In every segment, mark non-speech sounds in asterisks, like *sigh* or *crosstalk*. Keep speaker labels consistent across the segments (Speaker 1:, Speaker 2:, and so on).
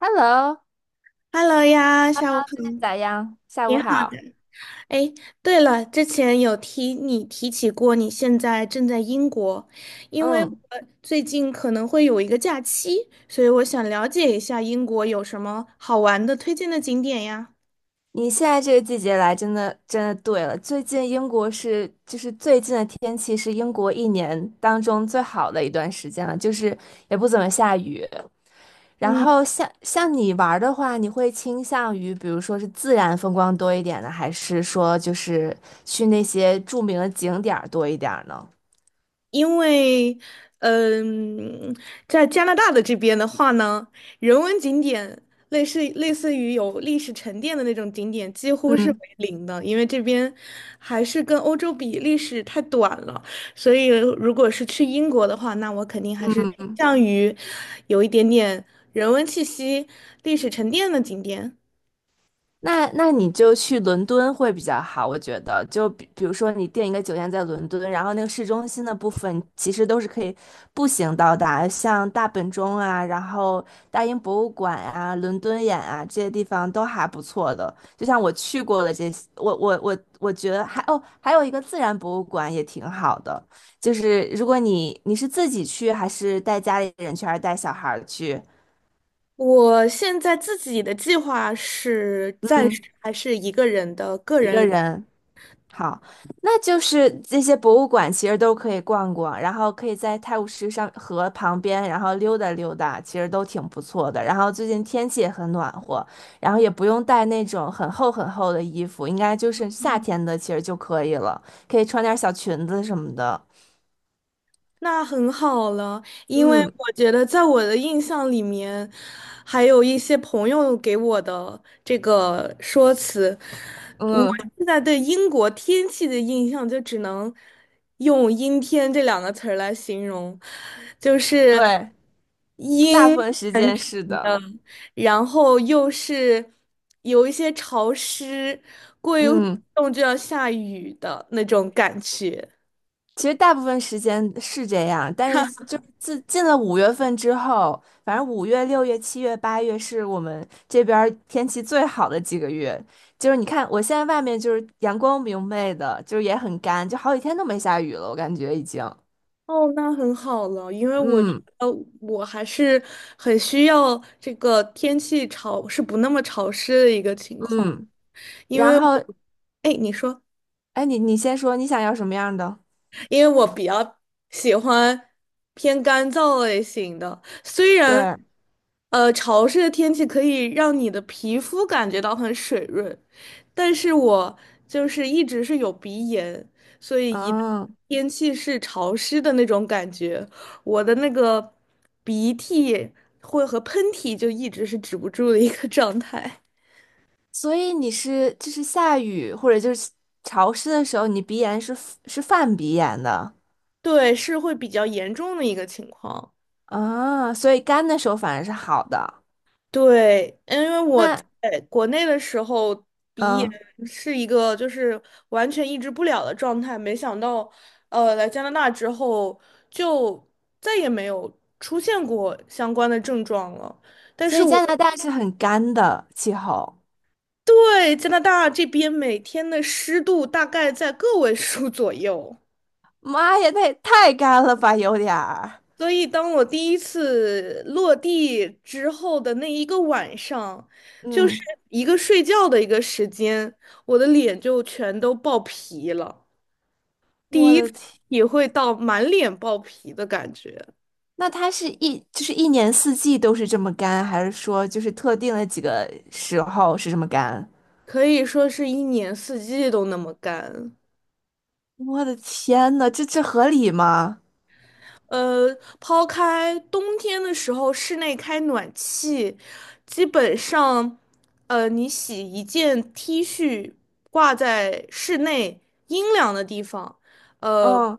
Speaker 1: Hello,
Speaker 2: Hello 呀，下午好。
Speaker 1: 最近咋样？下
Speaker 2: 你
Speaker 1: 午
Speaker 2: 好，
Speaker 1: 好。
Speaker 2: 哎，对了，之前你提起过，你现在正在英国，因为我
Speaker 1: 嗯，
Speaker 2: 最近可能会有一个假期，所以我想了解一下英国有什么好玩的推荐的景点呀。
Speaker 1: 你现在这个季节来，真的对了。最近英国是，就是最近的天气是英国一年当中最好的一段时间了，就是也不怎么下雨。然
Speaker 2: 嗯。
Speaker 1: 后像你玩儿的话，你会倾向于比如说是自然风光多一点呢，还是说就是去那些著名的景点儿多一点儿呢？
Speaker 2: 因为，嗯，在加拿大的这边的话呢，人文景点类似于有历史沉淀的那种景点，几乎是为
Speaker 1: 嗯。
Speaker 2: 零的，因为这边还是跟欧洲比，历史太短了。所以，如果是去英国的话，那我肯定还是倾向于有一点点人文气息、历史沉淀的景点。
Speaker 1: 那那你就去伦敦会比较好，我觉得。就比如说，你订一个酒店在伦敦，然后那个市中心的部分其实都是可以步行到达，像大本钟啊，然后大英博物馆啊、伦敦眼啊这些地方都还不错的。就像我去过的这些，我觉得还哦，还有一个自然博物馆也挺好的。就是如果你是自己去，还是带家里人去，还是带小孩儿去？
Speaker 2: 我现在自己的计划是暂时
Speaker 1: 嗯，
Speaker 2: 还是一个人的个
Speaker 1: 一
Speaker 2: 人
Speaker 1: 个
Speaker 2: 旅。
Speaker 1: 人。好，那就是这些博物馆其实都可以逛逛，然后可以在泰晤士上河旁边，然后溜达溜达，其实都挺不错的。然后最近天气也很暖和，然后也不用带那种很厚很厚的衣服，应该就是夏天的其实就可以了，可以穿点小裙子什么的。
Speaker 2: 那很好了，因为
Speaker 1: 嗯
Speaker 2: 我觉得在我的印象里面，还有一些朋友给我的这个说辞，我
Speaker 1: 嗯，
Speaker 2: 现在对英国天气的印象就只能用“阴天”这两个词儿来形容，就是
Speaker 1: 对，大部
Speaker 2: 阴，
Speaker 1: 分时间是的。
Speaker 2: 然后又是有一些潮湿，过一会儿
Speaker 1: 嗯。
Speaker 2: 动就要下雨的那种感觉。
Speaker 1: 其实大部分时间是这样，但是就是自进了五月份之后，反正五月、六月、七月、八月是我们这边儿天气最好的几个月。就是你看，我现在外面就是阳光明媚的，就是也很干，就好几天都没下雨了，我感觉已经。
Speaker 2: 哦，那很好了，因为我觉
Speaker 1: 嗯
Speaker 2: 得我还是很需要这个天气潮是不那么潮湿的一个情况，
Speaker 1: 嗯，
Speaker 2: 因
Speaker 1: 然
Speaker 2: 为我，
Speaker 1: 后
Speaker 2: 哎，你说。
Speaker 1: 哎，你先说你想要什么样的？
Speaker 2: 因为我比较喜欢偏干燥类型的，虽然
Speaker 1: 对，
Speaker 2: 潮湿的天气可以让你的皮肤感觉到很水润，但是我就是一直是有鼻炎，所以一旦
Speaker 1: 嗯，
Speaker 2: 天气是潮湿的那种感觉，我的那个鼻涕会和喷嚏就一直是止不住的一个 *laughs* 状态，
Speaker 1: 所以你是就是下雨或者就是潮湿的时候，你鼻炎是犯鼻炎的。
Speaker 2: 对，是会比较严重的一个情况。
Speaker 1: 啊，所以干的时候反而是好的。
Speaker 2: 对，因为我在
Speaker 1: 那
Speaker 2: 国内的时候，鼻炎
Speaker 1: 嗯，
Speaker 2: 是一个就是完全抑制不了的状态，没想到，来加拿大之后就再也没有出现过相关的症状了。但
Speaker 1: 所
Speaker 2: 是
Speaker 1: 以
Speaker 2: 我
Speaker 1: 加拿大是很干的气候。
Speaker 2: 对加拿大这边每天的湿度大概在个位数 *laughs* 左右。
Speaker 1: 妈呀，那也太干了吧，有点儿。
Speaker 2: 所以，当我第一次落地之后的那一个晚上，就
Speaker 1: 嗯，
Speaker 2: 是一个睡觉的一个时间，我的脸就全都爆皮了，
Speaker 1: 我的天，
Speaker 2: 也会到满脸爆皮的感觉，
Speaker 1: 那它是一就是一年四季都是这么干，还是说就是特定的几个时候是这么干？
Speaker 2: 可以说是一年四季都那么干。
Speaker 1: 我的天呐，这合理吗？
Speaker 2: 呃，抛开冬天的时候室内开暖气，基本上，你洗一件 T 恤挂在室内阴凉的地方，呃，
Speaker 1: 嗯，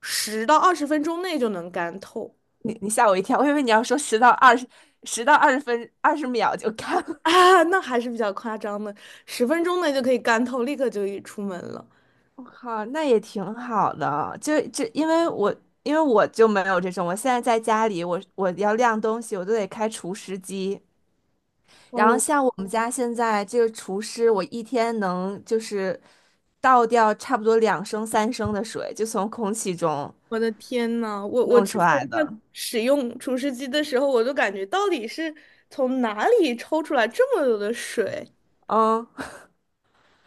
Speaker 2: 10到20分钟内就能干透
Speaker 1: 你你吓我一跳，我以为你要说十到二十，十到二十分二十秒就干
Speaker 2: *laughs* 啊，那还是比较夸张的，十分钟内就可以干透，立刻就可以出门了。
Speaker 1: 我靠，那也挺好的。就因为我因为我就没有这种，我现在在家里，我要晾东西，我都得开除湿机。然后
Speaker 2: 哦，
Speaker 1: 像我们家现在这个除湿，我一天能就是倒掉差不多两升三升的水，就从空气中
Speaker 2: 我的天呐，我
Speaker 1: 弄
Speaker 2: 之
Speaker 1: 出
Speaker 2: 前
Speaker 1: 来
Speaker 2: 在
Speaker 1: 的。
Speaker 2: 使用除湿机的时候，我就感觉到底是从哪里抽出来这么多的水？
Speaker 1: 嗯，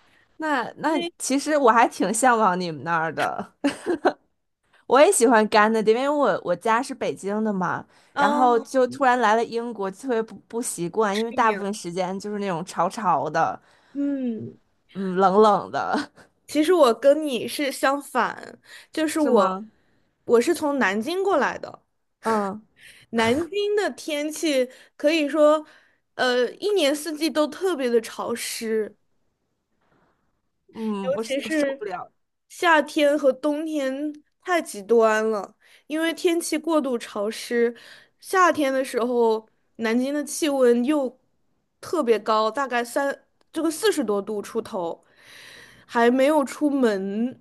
Speaker 1: *laughs* 那那
Speaker 2: 为
Speaker 1: 其实我还挺向往你们那儿的。我也喜欢干的，因为我我家是北京的嘛，然后就突然来了英国，特别不习惯，因为大部分时间就是那种潮潮的，
Speaker 2: 嗯，是你嗯
Speaker 1: 嗯，冷冷的，
Speaker 2: 其实我跟你是相反，就
Speaker 1: *laughs*
Speaker 2: 是
Speaker 1: 是
Speaker 2: 我
Speaker 1: 吗？
Speaker 2: 我是从南京过来的。
Speaker 1: 嗯
Speaker 2: 南京的天气可以说，一年四季都特别的潮湿，尤
Speaker 1: 嗯，我是
Speaker 2: 其
Speaker 1: 我受
Speaker 2: 是
Speaker 1: 不了
Speaker 2: 夏天和冬天太极端了，因为天气过度潮湿，夏天的时候南京的气温又特别高，大概这个40多度出头，还没有出门，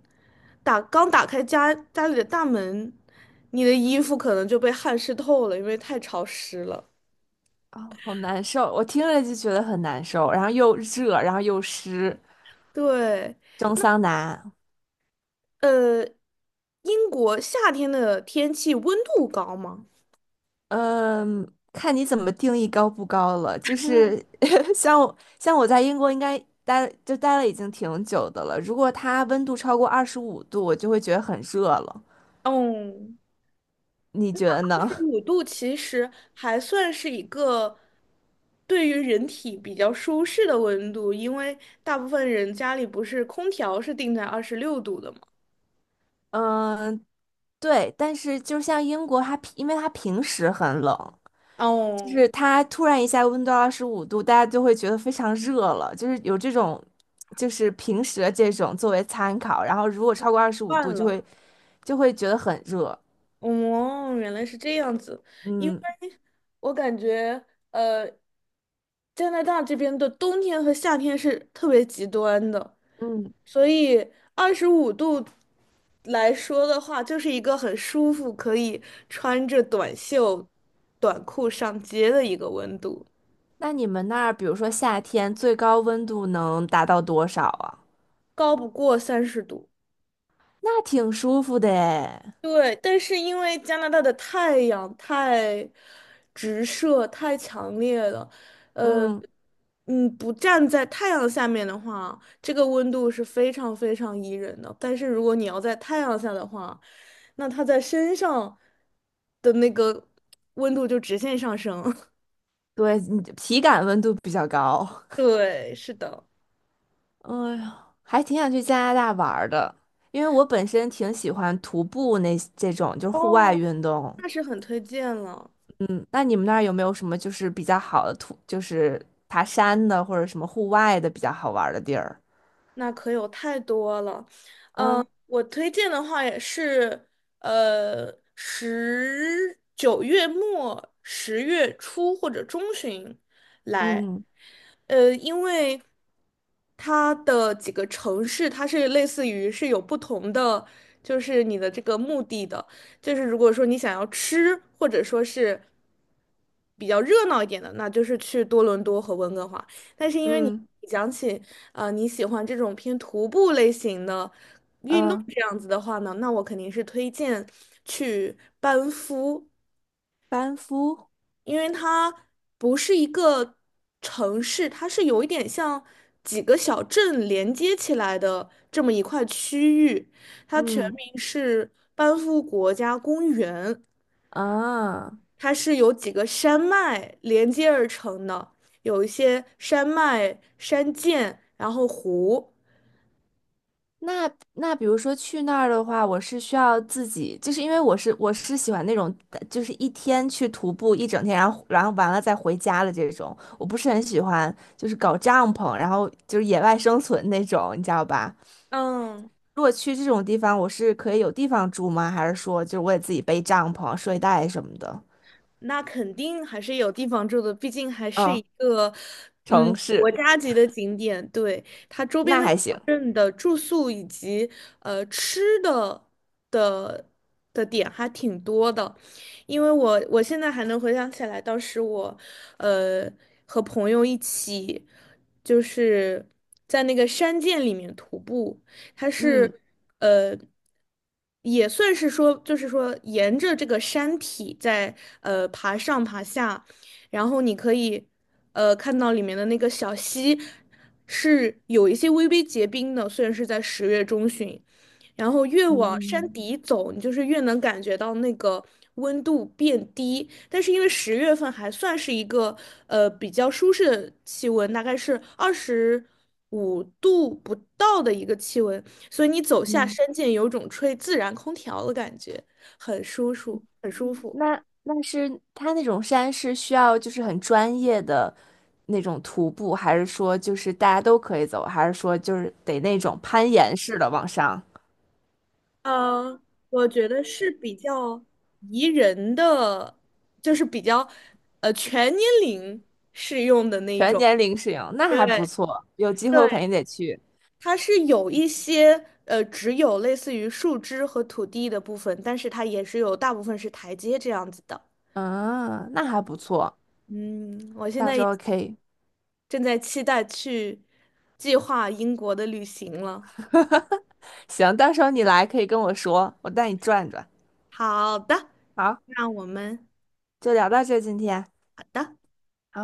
Speaker 2: 刚打开家里的大门，你的衣服可能就被汗湿透了，因为太潮湿了。
Speaker 1: 啊，好难受，我听着就觉得很难受，然后又热，然后又湿，
Speaker 2: 对，
Speaker 1: 蒸桑拿。
Speaker 2: 呃，英国夏天的天气温度高吗？
Speaker 1: 嗯，看你怎么定义高不高了。就是 *laughs* 像我在英国应该待就待了已经挺久的了。如果它温度超过二十五度，我就会觉得很热了。
Speaker 2: 嗯。
Speaker 1: 你觉得呢？
Speaker 2: 五度其实还算是一个对于人体比较舒适的温度，因为大部分人家里不是空调是定在26度的嘛。
Speaker 1: *laughs* 嗯，对。但是就像英国，它平因为它平时很冷，就
Speaker 2: 哦，
Speaker 1: 是它突然一下温度二十五度，大家就会觉得非常热了。就是有这种，就是平时的这种作为参考。然后如果超过二十五度，
Speaker 2: 换
Speaker 1: 就
Speaker 2: 了，
Speaker 1: 会就会觉得很热。
Speaker 2: 哦，原来是这样子。因为
Speaker 1: 嗯。
Speaker 2: 我感觉，呃，加拿大这边的冬天和夏天是特别极端的。
Speaker 1: 嗯，
Speaker 2: 所以二十五度来说的话，就是一个很舒服，可以穿着短袖、短裤上街的一个温度，
Speaker 1: 那你们那儿，比如说夏天，最高温度能达到多少啊？
Speaker 2: 高不过30度。
Speaker 1: 那挺舒服的诶。
Speaker 2: 对，但是因为加拿大的太阳太直射、太强烈了，呃，
Speaker 1: 嗯，
Speaker 2: 不站在太阳下面的话，这个温度是非常非常宜人的。但是如果你要在太阳下的话，那它在身上的那个温度就直线上升。*laughs*
Speaker 1: 对，你体感温度比较高。*laughs*
Speaker 2: 对，是的，
Speaker 1: 哎呀，还挺想去加拿大玩儿的，因为我本身挺喜欢徒步那这种，就是户外
Speaker 2: 哦，
Speaker 1: 运动。
Speaker 2: 那是很推荐了。
Speaker 1: 嗯，那你们那儿有没有什么就是比较好的徒，就是爬山的或者什么户外的比较好玩儿的地儿？
Speaker 2: 那可有太多了，
Speaker 1: 嗯
Speaker 2: 我推荐的话也是，十9月末、10月初或者中旬来，
Speaker 1: 嗯
Speaker 2: 因为它的几个城市，它是类似于是有不同的，就是你的这个目的的，就是如果说你想要吃，或者说是比较热闹一点的，那就是去多伦多和温哥华。但是因为你
Speaker 1: 嗯
Speaker 2: 你讲起，你喜欢这种偏徒步类型的运动
Speaker 1: 嗯，
Speaker 2: 这样子的话呢，那我肯定是推荐去班夫，
Speaker 1: 班夫，
Speaker 2: 因为它不是一个城市，它是有一点像几个小镇连接起来的这么一块区域，它全
Speaker 1: 嗯
Speaker 2: 名是班夫国家公园，
Speaker 1: 啊。
Speaker 2: 它是由几个山脉连接而成的。有一些山脉、山涧，然后湖。
Speaker 1: 那那比如说去那儿的话，我是需要自己，就是因为我是喜欢那种，就是一天去徒步一整天，然后然后完了再回家的这种，我不是很喜欢，就是搞帐篷，然后就是野外生存那种，你知道吧？
Speaker 2: 嗯，
Speaker 1: 如果去这种地方，我是可以有地方住吗？还是说就是我得自己背帐篷、睡袋什么的？
Speaker 2: 那肯定还是有地方住的，毕竟还是一
Speaker 1: 哦，
Speaker 2: 个
Speaker 1: 城
Speaker 2: 国
Speaker 1: 市，
Speaker 2: 家级的景点。对，
Speaker 1: 那还行，
Speaker 2: 镇的住宿以及吃的的点还挺多的，因为我现在还能回想起来，当时我呃和朋友一起就是在那个山涧里面徒步，它
Speaker 1: 嗯。
Speaker 2: 是呃。也算是说，就是说，沿着这个山体在爬上爬下，然后你可以看到里面的那个小溪是有一些微微结冰的，虽然是在10月中旬，然后越往山
Speaker 1: 嗯，
Speaker 2: 底走，你就是越能感觉到那个温度变低。但是因为10月份还算是一个比较舒适的气温，大概是二十五度不到的一个气温，所以你走下山涧，有种吹自然空调的感觉，很舒服，很舒服。
Speaker 1: 那那是他那种山是需要就是很专业的那种徒步，还是说就是大家都可以走，还是说就是得那种攀岩式的往上，
Speaker 2: 呃，我觉得是比较宜人的，就是比较全年龄适用的那一
Speaker 1: 全
Speaker 2: 种。
Speaker 1: 年龄适应？那还不
Speaker 2: 对
Speaker 1: 错，有机会我肯
Speaker 2: 对，
Speaker 1: 定得去。
Speaker 2: 它是有一些只有类似于树枝和土地的部分，但是它也是有大部分是台阶这样子的。
Speaker 1: 嗯，那还不错，
Speaker 2: 嗯，我现
Speaker 1: 到
Speaker 2: 在
Speaker 1: 时
Speaker 2: 也
Speaker 1: 候可以，
Speaker 2: 正在期待去计划英国的旅行了。
Speaker 1: *laughs* 行，到时候你来可以跟我说，我带你转转。
Speaker 2: 好的，
Speaker 1: 好，
Speaker 2: 那我们
Speaker 1: 就聊到这，今天。
Speaker 2: 好的。